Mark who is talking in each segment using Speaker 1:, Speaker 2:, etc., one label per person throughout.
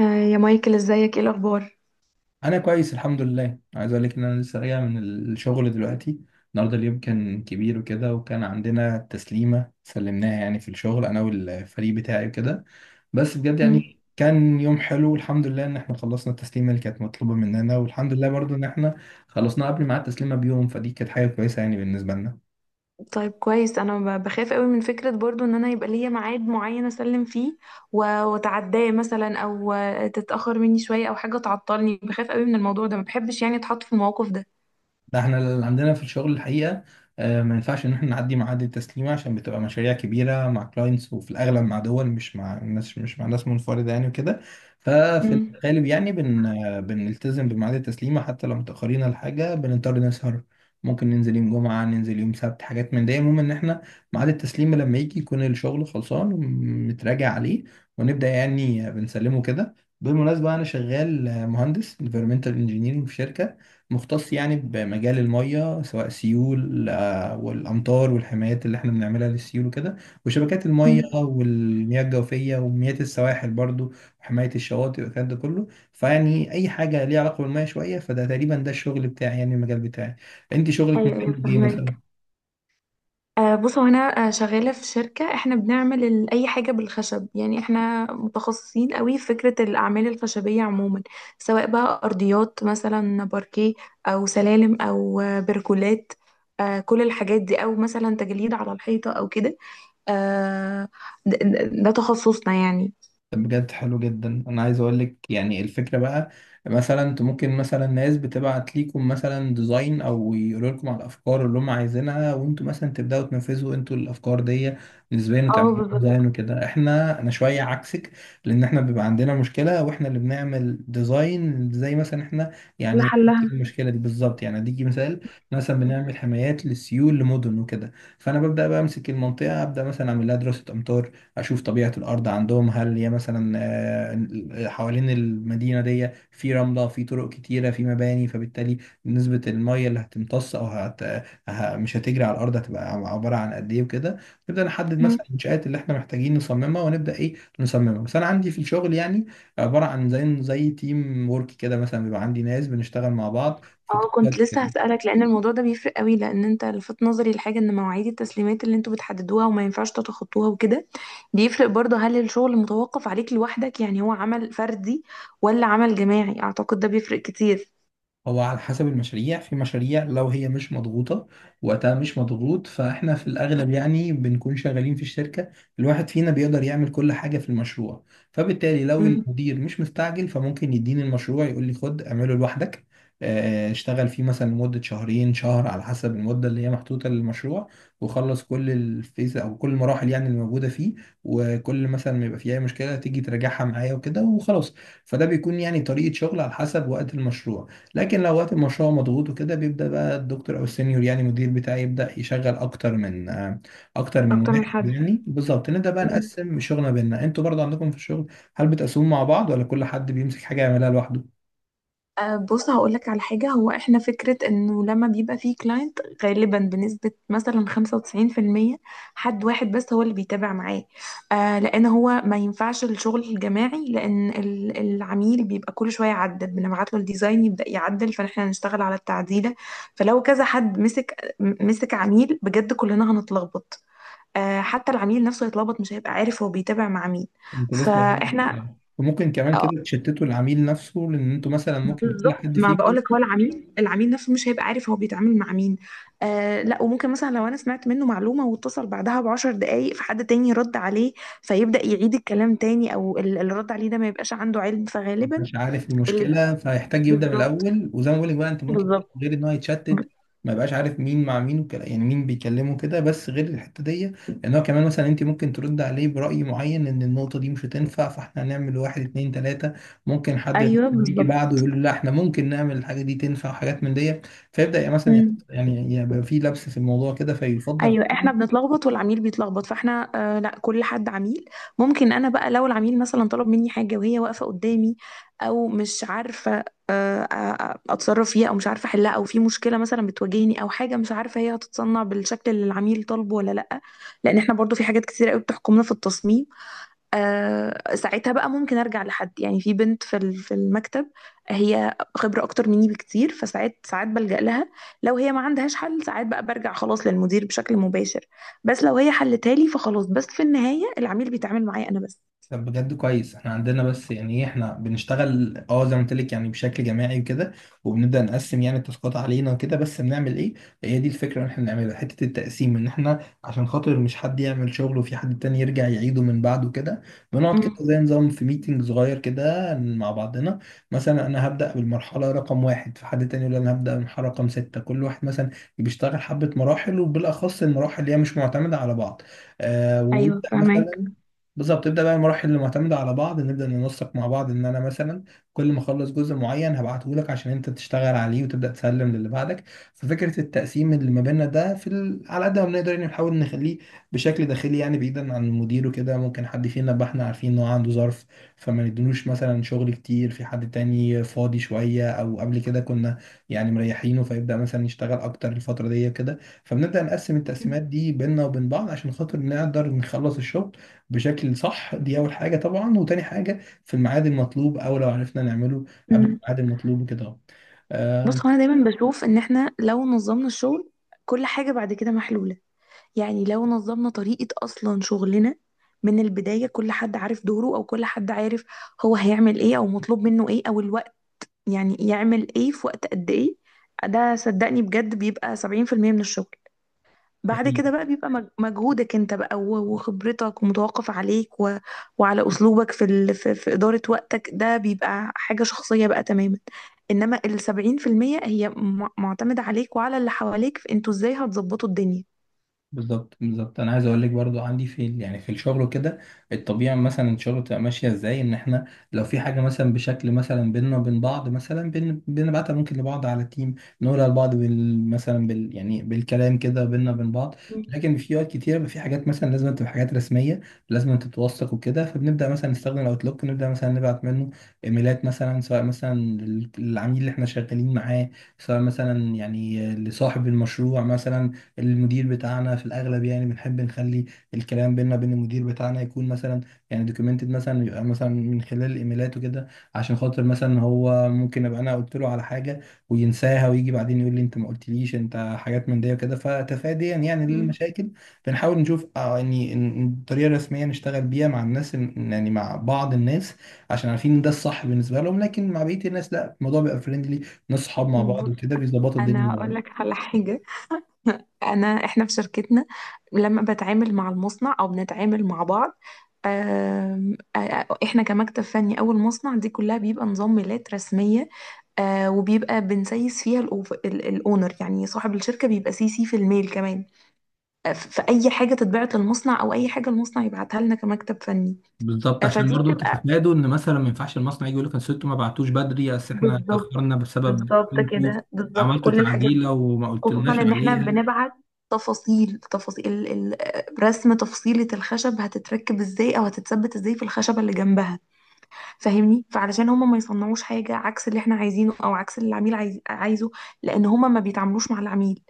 Speaker 1: يا مايكل، ازيك؟ ايه الاخبار؟
Speaker 2: انا كويس الحمد لله، عايز اقول لك ان انا لسه راجع من الشغل دلوقتي. النهارده اليوم كان كبير وكده، وكان عندنا تسليمه سلمناها يعني في الشغل انا والفريق بتاعي وكده. بس بجد
Speaker 1: مم.
Speaker 2: يعني كان يوم حلو، والحمد لله ان احنا خلصنا التسليمه اللي كانت مطلوبه مننا، والحمد لله برضو ان احنا خلصنا قبل ميعاد التسليمه بيوم، فدي كانت حاجه كويسه يعني بالنسبه لنا.
Speaker 1: طيب، كويس. انا بخاف قوي من فكره برضو ان انا يبقى ليا ميعاد معين اسلم فيه واتعداه مثلا، او تتاخر مني شويه او حاجه تعطلني. بخاف قوي من الموضوع ده، ما بحبش يعني اتحط في الموقف ده.
Speaker 2: ده احنا اللي عندنا في الشغل الحقيقة ما ينفعش ان احنا نعدي معاد التسليم، عشان بتبقى مشاريع كبيرة مع كلاينتس، وفي الاغلب مع دول مش مع ناس، مش مع ناس منفردة يعني وكده. ففي الغالب يعني بن آه، بنلتزم بميعاد التسليمة، حتى لو متأخرين على حاجة بنضطر نسهر، ممكن ننزل يوم جمعة، ننزل يوم سبت، حاجات من ده. المهم ان احنا ميعاد التسليم لما يجي يكون الشغل خلصان ومتراجع عليه، ونبدأ يعني بنسلمه كده. بالمناسبة أنا شغال مهندس environmental engineering في شركة، مختص يعني بمجال المية، سواء سيول والأمطار، والحمايات اللي احنا بنعملها للسيول وكده، وشبكات المية،
Speaker 1: امم.
Speaker 2: والمياه الجوفية، ومياه السواحل برضو، وحماية الشواطئ والكلام ده كله. فيعني أي حاجة ليها علاقة بالمية شوية فده، تقريبا ده الشغل بتاعي يعني، المجال بتاعي. أنت شغلك
Speaker 1: ايوه، ايوه،
Speaker 2: مجال إيه
Speaker 1: فهمك.
Speaker 2: مثلا؟
Speaker 1: بص، هو انا شغاله في شركه، احنا بنعمل اي حاجه بالخشب، يعني احنا متخصصين قوي في فكره الاعمال الخشبيه عموما، سواء بقى ارضيات مثلا باركيه، او سلالم، او بركولات، كل الحاجات دي، او مثلا تجليد على الحيطه او كده. آه، ده تخصصنا يعني.
Speaker 2: طب بجد حلو جدا، انا عايز اقول لك يعني الفكره بقى، مثلا انت ممكن، مثلا ناس بتبعت ليكم مثلا ديزاين، او يقولوا لكم على الافكار اللي هم عايزينها، وانتوا مثلا تبداوا تنفذوا انتوا الافكار دي نسبيا
Speaker 1: اه،
Speaker 2: وتعملوا
Speaker 1: بالظبط.
Speaker 2: ديزاين وكده. احنا انا شويه عكسك، لان احنا بيبقى عندنا مشكله واحنا اللي بنعمل ديزاين زي مثلا احنا. يعني
Speaker 1: لحلها.
Speaker 2: المشكله دي بالظبط يعني، اديكي مثال، مثلا بنعمل حمايات للسيول لمدن وكده. فانا ببدا بقى امسك المنطقه، ابدا مثلا اعمل لها دراسه امطار، اشوف طبيعة الارض عندهم هل هي مثلا حوالين المدينة دي في رملة، في طرق كتيرة، في مباني، فبالتالي نسبة المية اللي هتمتص او مش هتجري على الارض هتبقى عبارة عن قد ايه وكده. نبدأ نحدد مثلا المنشآت اللي احنا محتاجين نصممها، ونبدأ ايه نصممها. بس انا عندي في الشغل يعني عبارة عن زي تيم ورك كده، مثلا بيبقى عندي ناس بنشتغل مع بعض في
Speaker 1: اه،
Speaker 2: التاسكات
Speaker 1: كنت لسه
Speaker 2: وكده.
Speaker 1: هسألك، لأن الموضوع ده بيفرق قوي. لأن انت لفت نظري لحاجة، ان مواعيد التسليمات اللي انتوا بتحددوها وما ينفعش تتخطوها وكده، بيفرق برضه هل الشغل متوقف عليك لوحدك، يعني هو عمل فردي ولا عمل جماعي؟ أعتقد ده بيفرق كتير.
Speaker 2: هو على حسب المشاريع، في مشاريع لو هي مش مضغوطة، وقتها مش مضغوط، فاحنا في الأغلب يعني بنكون شغالين في الشركة، الواحد فينا بيقدر يعمل كل حاجة في المشروع. فبالتالي لو
Speaker 1: مم.
Speaker 2: المدير مش مستعجل، فممكن يديني المشروع يقول لي خد اعمله لوحدك. اشتغل فيه مثلا لمدة شهرين شهر على حسب المدة اللي هي محطوطة للمشروع، وخلص كل الفيز أو كل المراحل يعني اللي موجودة فيه، وكل مثلا ما يبقى فيه أي مشكلة تيجي تراجعها معايا وكده وخلاص. فده بيكون يعني طريقة شغل على حسب وقت المشروع. لكن لو وقت المشروع مضغوط وكده، بيبدأ بقى الدكتور أو السينيور يعني المدير بتاعي يبدأ يشغل أكتر من
Speaker 1: أكتر من
Speaker 2: واحد
Speaker 1: حد.
Speaker 2: يعني. بالظبط نبدأ بقى نقسم شغلنا بينا. أنتوا برضه عندكم في الشغل هل بتقسموا مع بعض، ولا كل حد بيمسك حاجة يعملها لوحده؟
Speaker 1: بص، هقولك على حاجة. هو احنا فكرة انه لما بيبقى فيه كلاينت، غالبا بنسبة مثلا 95% حد واحد بس هو اللي بيتابع معاه. لان هو ما ينفعش الشغل الجماعي، لان العميل بيبقى كل شوية يعدل، بنبعت له الديزاين يبدأ يعدل، فاحنا هنشتغل على التعديلة. فلو كذا حد مسك مسك عميل، بجد كلنا هنتلخبط. حتى العميل نفسه يتلخبط، مش هيبقى عارف هو بيتابع مع مين.
Speaker 2: أنت لسه قايل لك
Speaker 1: فاحنا
Speaker 2: يعني. وممكن كمان كده تشتتوا العميل نفسه، لأن أنتوا مثلا ممكن كل
Speaker 1: بالظبط،
Speaker 2: حد
Speaker 1: ما
Speaker 2: فيكم
Speaker 1: بقولك، هو العميل نفسه مش هيبقى عارف هو بيتعامل مع مين. لا، وممكن مثلا لو انا سمعت منه معلومه واتصل بعدها ب10 دقايق فحد تاني رد عليه، فيبدا يعيد الكلام تاني، او اللي رد عليه ده ما يبقاش عنده علم، فغالبا.
Speaker 2: مش عارف
Speaker 1: اللي
Speaker 2: المشكله، فيحتاج يبدا من
Speaker 1: بالظبط.
Speaker 2: الاول. وزي ما بقول لك بقى انت ممكن،
Speaker 1: بالظبط.
Speaker 2: غير ان هو
Speaker 1: ب-
Speaker 2: يتشتت ما يبقاش عارف مين مع مين، وكلا يعني مين بيكلمه كده. بس غير الحته دي، ان هو كمان مثلا انت ممكن ترد عليه براي معين ان النقطه دي مش هتنفع، فاحنا هنعمل واحد اتنين تلاته، ممكن حد غيره
Speaker 1: ايوه،
Speaker 2: يجي بعده
Speaker 1: بالظبط.
Speaker 2: يقول له لا احنا ممكن نعمل الحاجه دي تنفع، وحاجات من دي. فيبدا يعني يعني يبقى في لبس في الموضوع كده، فيفضل.
Speaker 1: ايوه، احنا بنتلخبط والعميل بيتلخبط. فاحنا لا، كل حد عميل. ممكن انا بقى لو العميل مثلا طلب مني حاجه وهي واقفه قدامي، او مش عارفه اتصرف فيها، او مش عارفه احلها، او في مشكله مثلا بتواجهني، او حاجه مش عارفه هي هتتصنع بالشكل اللي العميل طالبه ولا لا. لان احنا برضو في حاجات كتير قوي بتحكمنا في التصميم. ساعتها بقى ممكن ارجع لحد، يعني في بنت في المكتب، هي خبره اكتر مني بكتير، فساعات ساعات بلجأ لها. لو هي ما عندهاش حل، ساعات بقى برجع خلاص للمدير بشكل مباشر. بس لو هي حلتها لي فخلاص، بس في النهايه العميل بيتعامل معايا انا بس.
Speaker 2: طب بجد كويس، احنا عندنا بس يعني ايه، احنا بنشتغل اه زي ما قلت لك يعني بشكل جماعي وكده، وبنبدا نقسم يعني التاسكات علينا وكده، بس بنعمل ايه؟ هي دي الفكره اللي احنا بنعملها، حته التقسيم، ان احنا عشان خاطر مش حد يعمل شغل وفي حد تاني يرجع يعيده من بعده كده، بنقعد كده
Speaker 1: امم.
Speaker 2: زي نظام في ميتنج صغير كده مع بعضنا. مثلا انا هبدا بالمرحله رقم واحد، فحد تاني يقول انا هبدا بالمرحله رقم سته، كل واحد مثلا بيشتغل حبه مراحل، وبالاخص المراحل اللي هي مش معتمده على بعض.
Speaker 1: ايوه،
Speaker 2: ويبدا
Speaker 1: فهمك.
Speaker 2: مثلا بالظبط، تبدا بقى المراحل اللي معتمده على بعض، نبدا ننسق مع بعض ان انا مثلا كل ما اخلص جزء معين هبعته لك عشان انت تشتغل عليه وتبدا تسلم للي بعدك. ففكره التقسيم اللي ما بيننا ده في ال... على قد ما بنقدر يعني نحاول نخليه بشكل داخلي يعني، بعيدا عن المدير وكده. ممكن حد فينا يبقى احنا عارفين ان هو عنده ظرف، فما نديلوش مثلا شغل كتير، في حد تاني فاضي شويه او قبل كده كنا يعني مريحينه، فيبدا مثلا يشتغل اكتر الفتره دي كده. فبنبدا نقسم التقسيمات دي بيننا وبين بعض، عشان خاطر نقدر نخلص الشغل بشكل صح، دي اول حاجه طبعا، وتاني حاجه في الميعاد المطلوب، او لو عرفنا نعمله قبل
Speaker 1: امم.
Speaker 2: الميعاد المطلوب وكده أهو. آم،
Speaker 1: بص، هو انا دايما بشوف ان احنا لو نظمنا الشغل، كل حاجه بعد كده محلوله. يعني لو نظمنا طريقة أصلا شغلنا من البداية، كل حد عارف دوره، أو كل حد عارف هو هيعمل إيه، أو مطلوب منه إيه، أو الوقت يعني يعمل إيه في وقت قد إيه. ده صدقني بجد بيبقى 70% من الشغل.
Speaker 2: دي
Speaker 1: بعد
Speaker 2: حقيقة.
Speaker 1: كده بقى بيبقى مجهودك أنت بقى وخبرتك، ومتوقف عليك وعلى أسلوبك في إدارة وقتك. ده بيبقى حاجة شخصية بقى تماما. إنما ال70% هي معتمدة عليك وعلى اللي حواليك في أنتوا إزاي هتظبطوا الدنيا.
Speaker 2: بالظبط انا عايز اقول لك برضو عندي في يعني في الشغل وكده، الطبيعي مثلا الشغل بتبقى ماشيه ازاي، ان احنا لو في حاجه مثلا بشكل مثلا بيننا وبين بعض مثلا بنبعتها ممكن لبعض على تيم، نقولها لبعض بال يعني بالكلام كده بيننا وبين بعض. لكن في وقت كتير بيبقى في حاجات مثلا لازم تبقى حاجات رسميه، لازم تتوثق وكده، فبنبدا مثلا نستخدم الاوتلوك، نبدا مثلا نبعت منه ايميلات، مثلا سواء مثلا للعميل اللي احنا شغالين معاه، سواء مثلا يعني لصاحب المشروع مثلا. المدير بتاعنا في الاغلب يعني بنحب نخلي الكلام بينا بين المدير بتاعنا يكون مثلا يعني دوكيومنتد، مثلا يبقى مثلا من خلال الايميلات وكده، عشان خاطر مثلا هو ممكن ابقى انا قلت له على حاجه وينساها، ويجي بعدين يقول لي انت ما قلتليش انت، حاجات من دي وكده. فتفاديا يعني للمشاكل، بنحاول نشوف طريقه رسميه نشتغل بيها مع الناس يعني مع بعض الناس، عشان عارفين ان ده الصح بالنسبه لهم. لكن مع بقيه الناس لا، الموضوع بيبقى فريندلي، ناس صحاب مع بعض وكده، بيظبطوا الدنيا
Speaker 1: انا
Speaker 2: مع
Speaker 1: هقول
Speaker 2: بعض.
Speaker 1: لك على حاجه. انا احنا في شركتنا لما بتعامل مع المصنع او بنتعامل مع بعض، آم، آه، احنا كمكتب فني او المصنع، دي كلها بيبقى نظام ميلات رسميه. وبيبقى بنسيس فيها الاونر، يعني صاحب الشركه، بيبقى سي سي في الميل كمان. في اي حاجه تتبعت المصنع، او اي حاجه المصنع يبعتها لنا كمكتب فني.
Speaker 2: بالظبط، عشان
Speaker 1: فدي
Speaker 2: برضو
Speaker 1: بتبقى
Speaker 2: تتفادوا ان مثلا ما ينفعش المصنع يجي يقول لك اصل انتوا ما بعتوش بدري، اصل احنا
Speaker 1: بالظبط.
Speaker 2: اتاخرنا بسبب
Speaker 1: بالظبط
Speaker 2: انتوا
Speaker 1: كده، بالظبط
Speaker 2: عملتوا
Speaker 1: كل الحاجات
Speaker 2: تعديله
Speaker 1: دي.
Speaker 2: وما
Speaker 1: خصوصا
Speaker 2: قلتلناش
Speaker 1: ان احنا
Speaker 2: عليها.
Speaker 1: بنبعت تفاصيل، تفاصيل رسم تفصيلة الخشب هتتركب ازاي، او هتتثبت ازاي في الخشبة اللي جنبها، فاهمني؟ فعلشان هما ما يصنعوش حاجة عكس اللي احنا عايزينه، او عكس اللي العميل عايزه. لان هما ما بيتعاملوش مع العميل،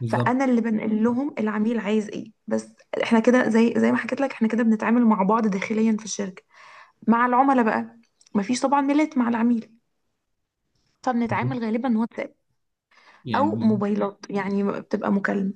Speaker 2: بالظبط
Speaker 1: فانا اللي بنقل لهم العميل عايز ايه بس. احنا كده، زي ما حكيت لك، احنا كده بنتعامل مع بعض داخليا في الشركة. مع العملاء بقى مفيش طبعا ميلات مع العميل، فبنتعامل غالبا واتساب او
Speaker 2: يعني،
Speaker 1: موبايلات. يعني بتبقى مكالمه،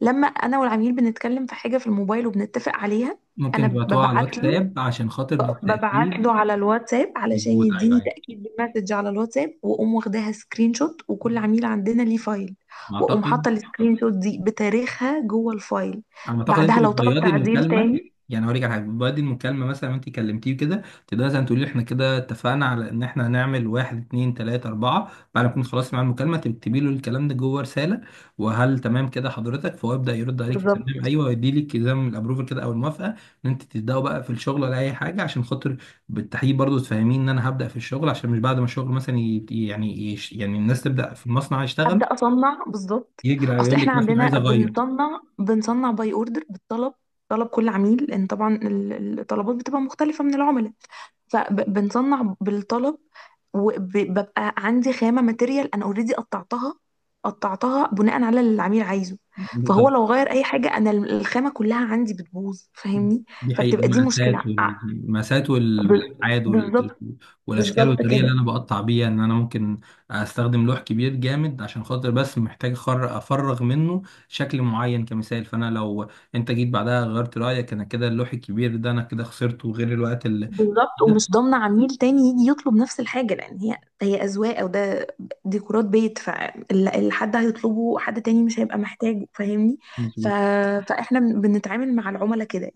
Speaker 1: لما انا والعميل بنتكلم في حاجه في الموبايل وبنتفق عليها، انا
Speaker 2: ممكن تبعتوها على الواتساب عشان خاطر
Speaker 1: ببعت
Speaker 2: التاكيد.
Speaker 1: له على الواتساب علشان
Speaker 2: مظبوط، ايوه
Speaker 1: يديني
Speaker 2: ايوه
Speaker 1: تاكيد بالمسج على الواتساب، واقوم واخداها سكرين شوت. وكل عميل عندنا ليه فايل، واقوم
Speaker 2: اعتقد.
Speaker 1: حاطه السكرين شوت دي بتاريخها جوه الفايل.
Speaker 2: على ما اعتقد انت
Speaker 1: بعدها لو طلب
Speaker 2: بتبيضي
Speaker 1: تعديل
Speaker 2: المكالمه،
Speaker 1: تاني،
Speaker 2: يعني هوريك على حاجه، بتبيضي المكالمه مثلا، انت كلمتيه كده، تقدري مثلا تقولي له احنا كده اتفقنا على ان احنا هنعمل واحد اتنين تلاته اربعه، بعد ما تكون خلاص مع المكالمه تكتبي له الكلام ده جوه رساله. وهل تمام كده حضرتك؟ فهو يبدا يرد عليك تمام
Speaker 1: بالظبط.
Speaker 2: ايوه، ويدي لك زي ما الابروفل كده او الموافقه ان انت تبداوا بقى في الشغل ولا اي حاجه. عشان خاطر بالتحقيق برضو تفهمين ان انا هبدا في الشغل، عشان مش بعد ما الشغل مثلا يعني الناس تبدا في المصنع يشتغل،
Speaker 1: ابدا اصنع بالظبط.
Speaker 2: يجري
Speaker 1: اصل
Speaker 2: يقول
Speaker 1: احنا
Speaker 2: لك مثلا عايز
Speaker 1: عندنا
Speaker 2: اغير.
Speaker 1: بنصنع، باي اوردر، بالطلب. طلب كل عميل، لان طبعا الطلبات بتبقى مختلفه من العملاء. فبنصنع بالطلب. وببقى عندي خامة ماتيريال انا اوريدي قطعتها، قطعتها بناء على اللي العميل عايزه. فهو لو غير اي حاجة، انا الخامة كلها عندي بتبوظ، فاهمني؟
Speaker 2: دي حقيقة،
Speaker 1: فبتبقى دي مشكلة.
Speaker 2: المقاسات والأبعاد
Speaker 1: بالظبط.
Speaker 2: والأشكال
Speaker 1: بالظبط
Speaker 2: والطريقة اللي
Speaker 1: كده،
Speaker 2: أنا بقطع بيها، إن أنا ممكن أستخدم لوح كبير جامد، عشان خاطر بس محتاج أفرغ منه شكل معين كمثال. فأنا لو أنت جيت بعدها غيرت رأيك، أنا كده اللوح الكبير ده أنا كده خسرته، غير الوقت اللي
Speaker 1: بالظبط. ومش ضامنة عميل تاني يجي يطلب نفس الحاجة، لأن هي هي أذواق، أو ده ديكورات بيت، فاللي حد هيطلبه حد تاني مش هيبقى محتاجه، فاهمني؟ ف...
Speaker 2: ده.
Speaker 1: فإحنا بنتعامل مع العملاء كده.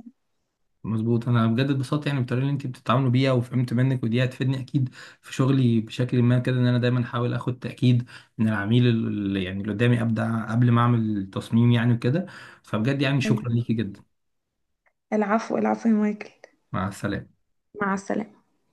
Speaker 2: مظبوط، انا بجد اتبسطت يعني بالطريقه اللي انت بتتعاملوا بيها، وفهمت منك ودي هتفيدني اكيد في شغلي بشكل ما كده، ان انا دايما احاول اخد تاكيد من العميل اللي يعني اللي قدامي ابدا قبل ما اعمل تصميم يعني وكده. فبجد يعني شكرا
Speaker 1: يعني،
Speaker 2: ليكي جدا.
Speaker 1: العفو، العفو يا مايكل.
Speaker 2: مع السلامه.
Speaker 1: مع السلامة.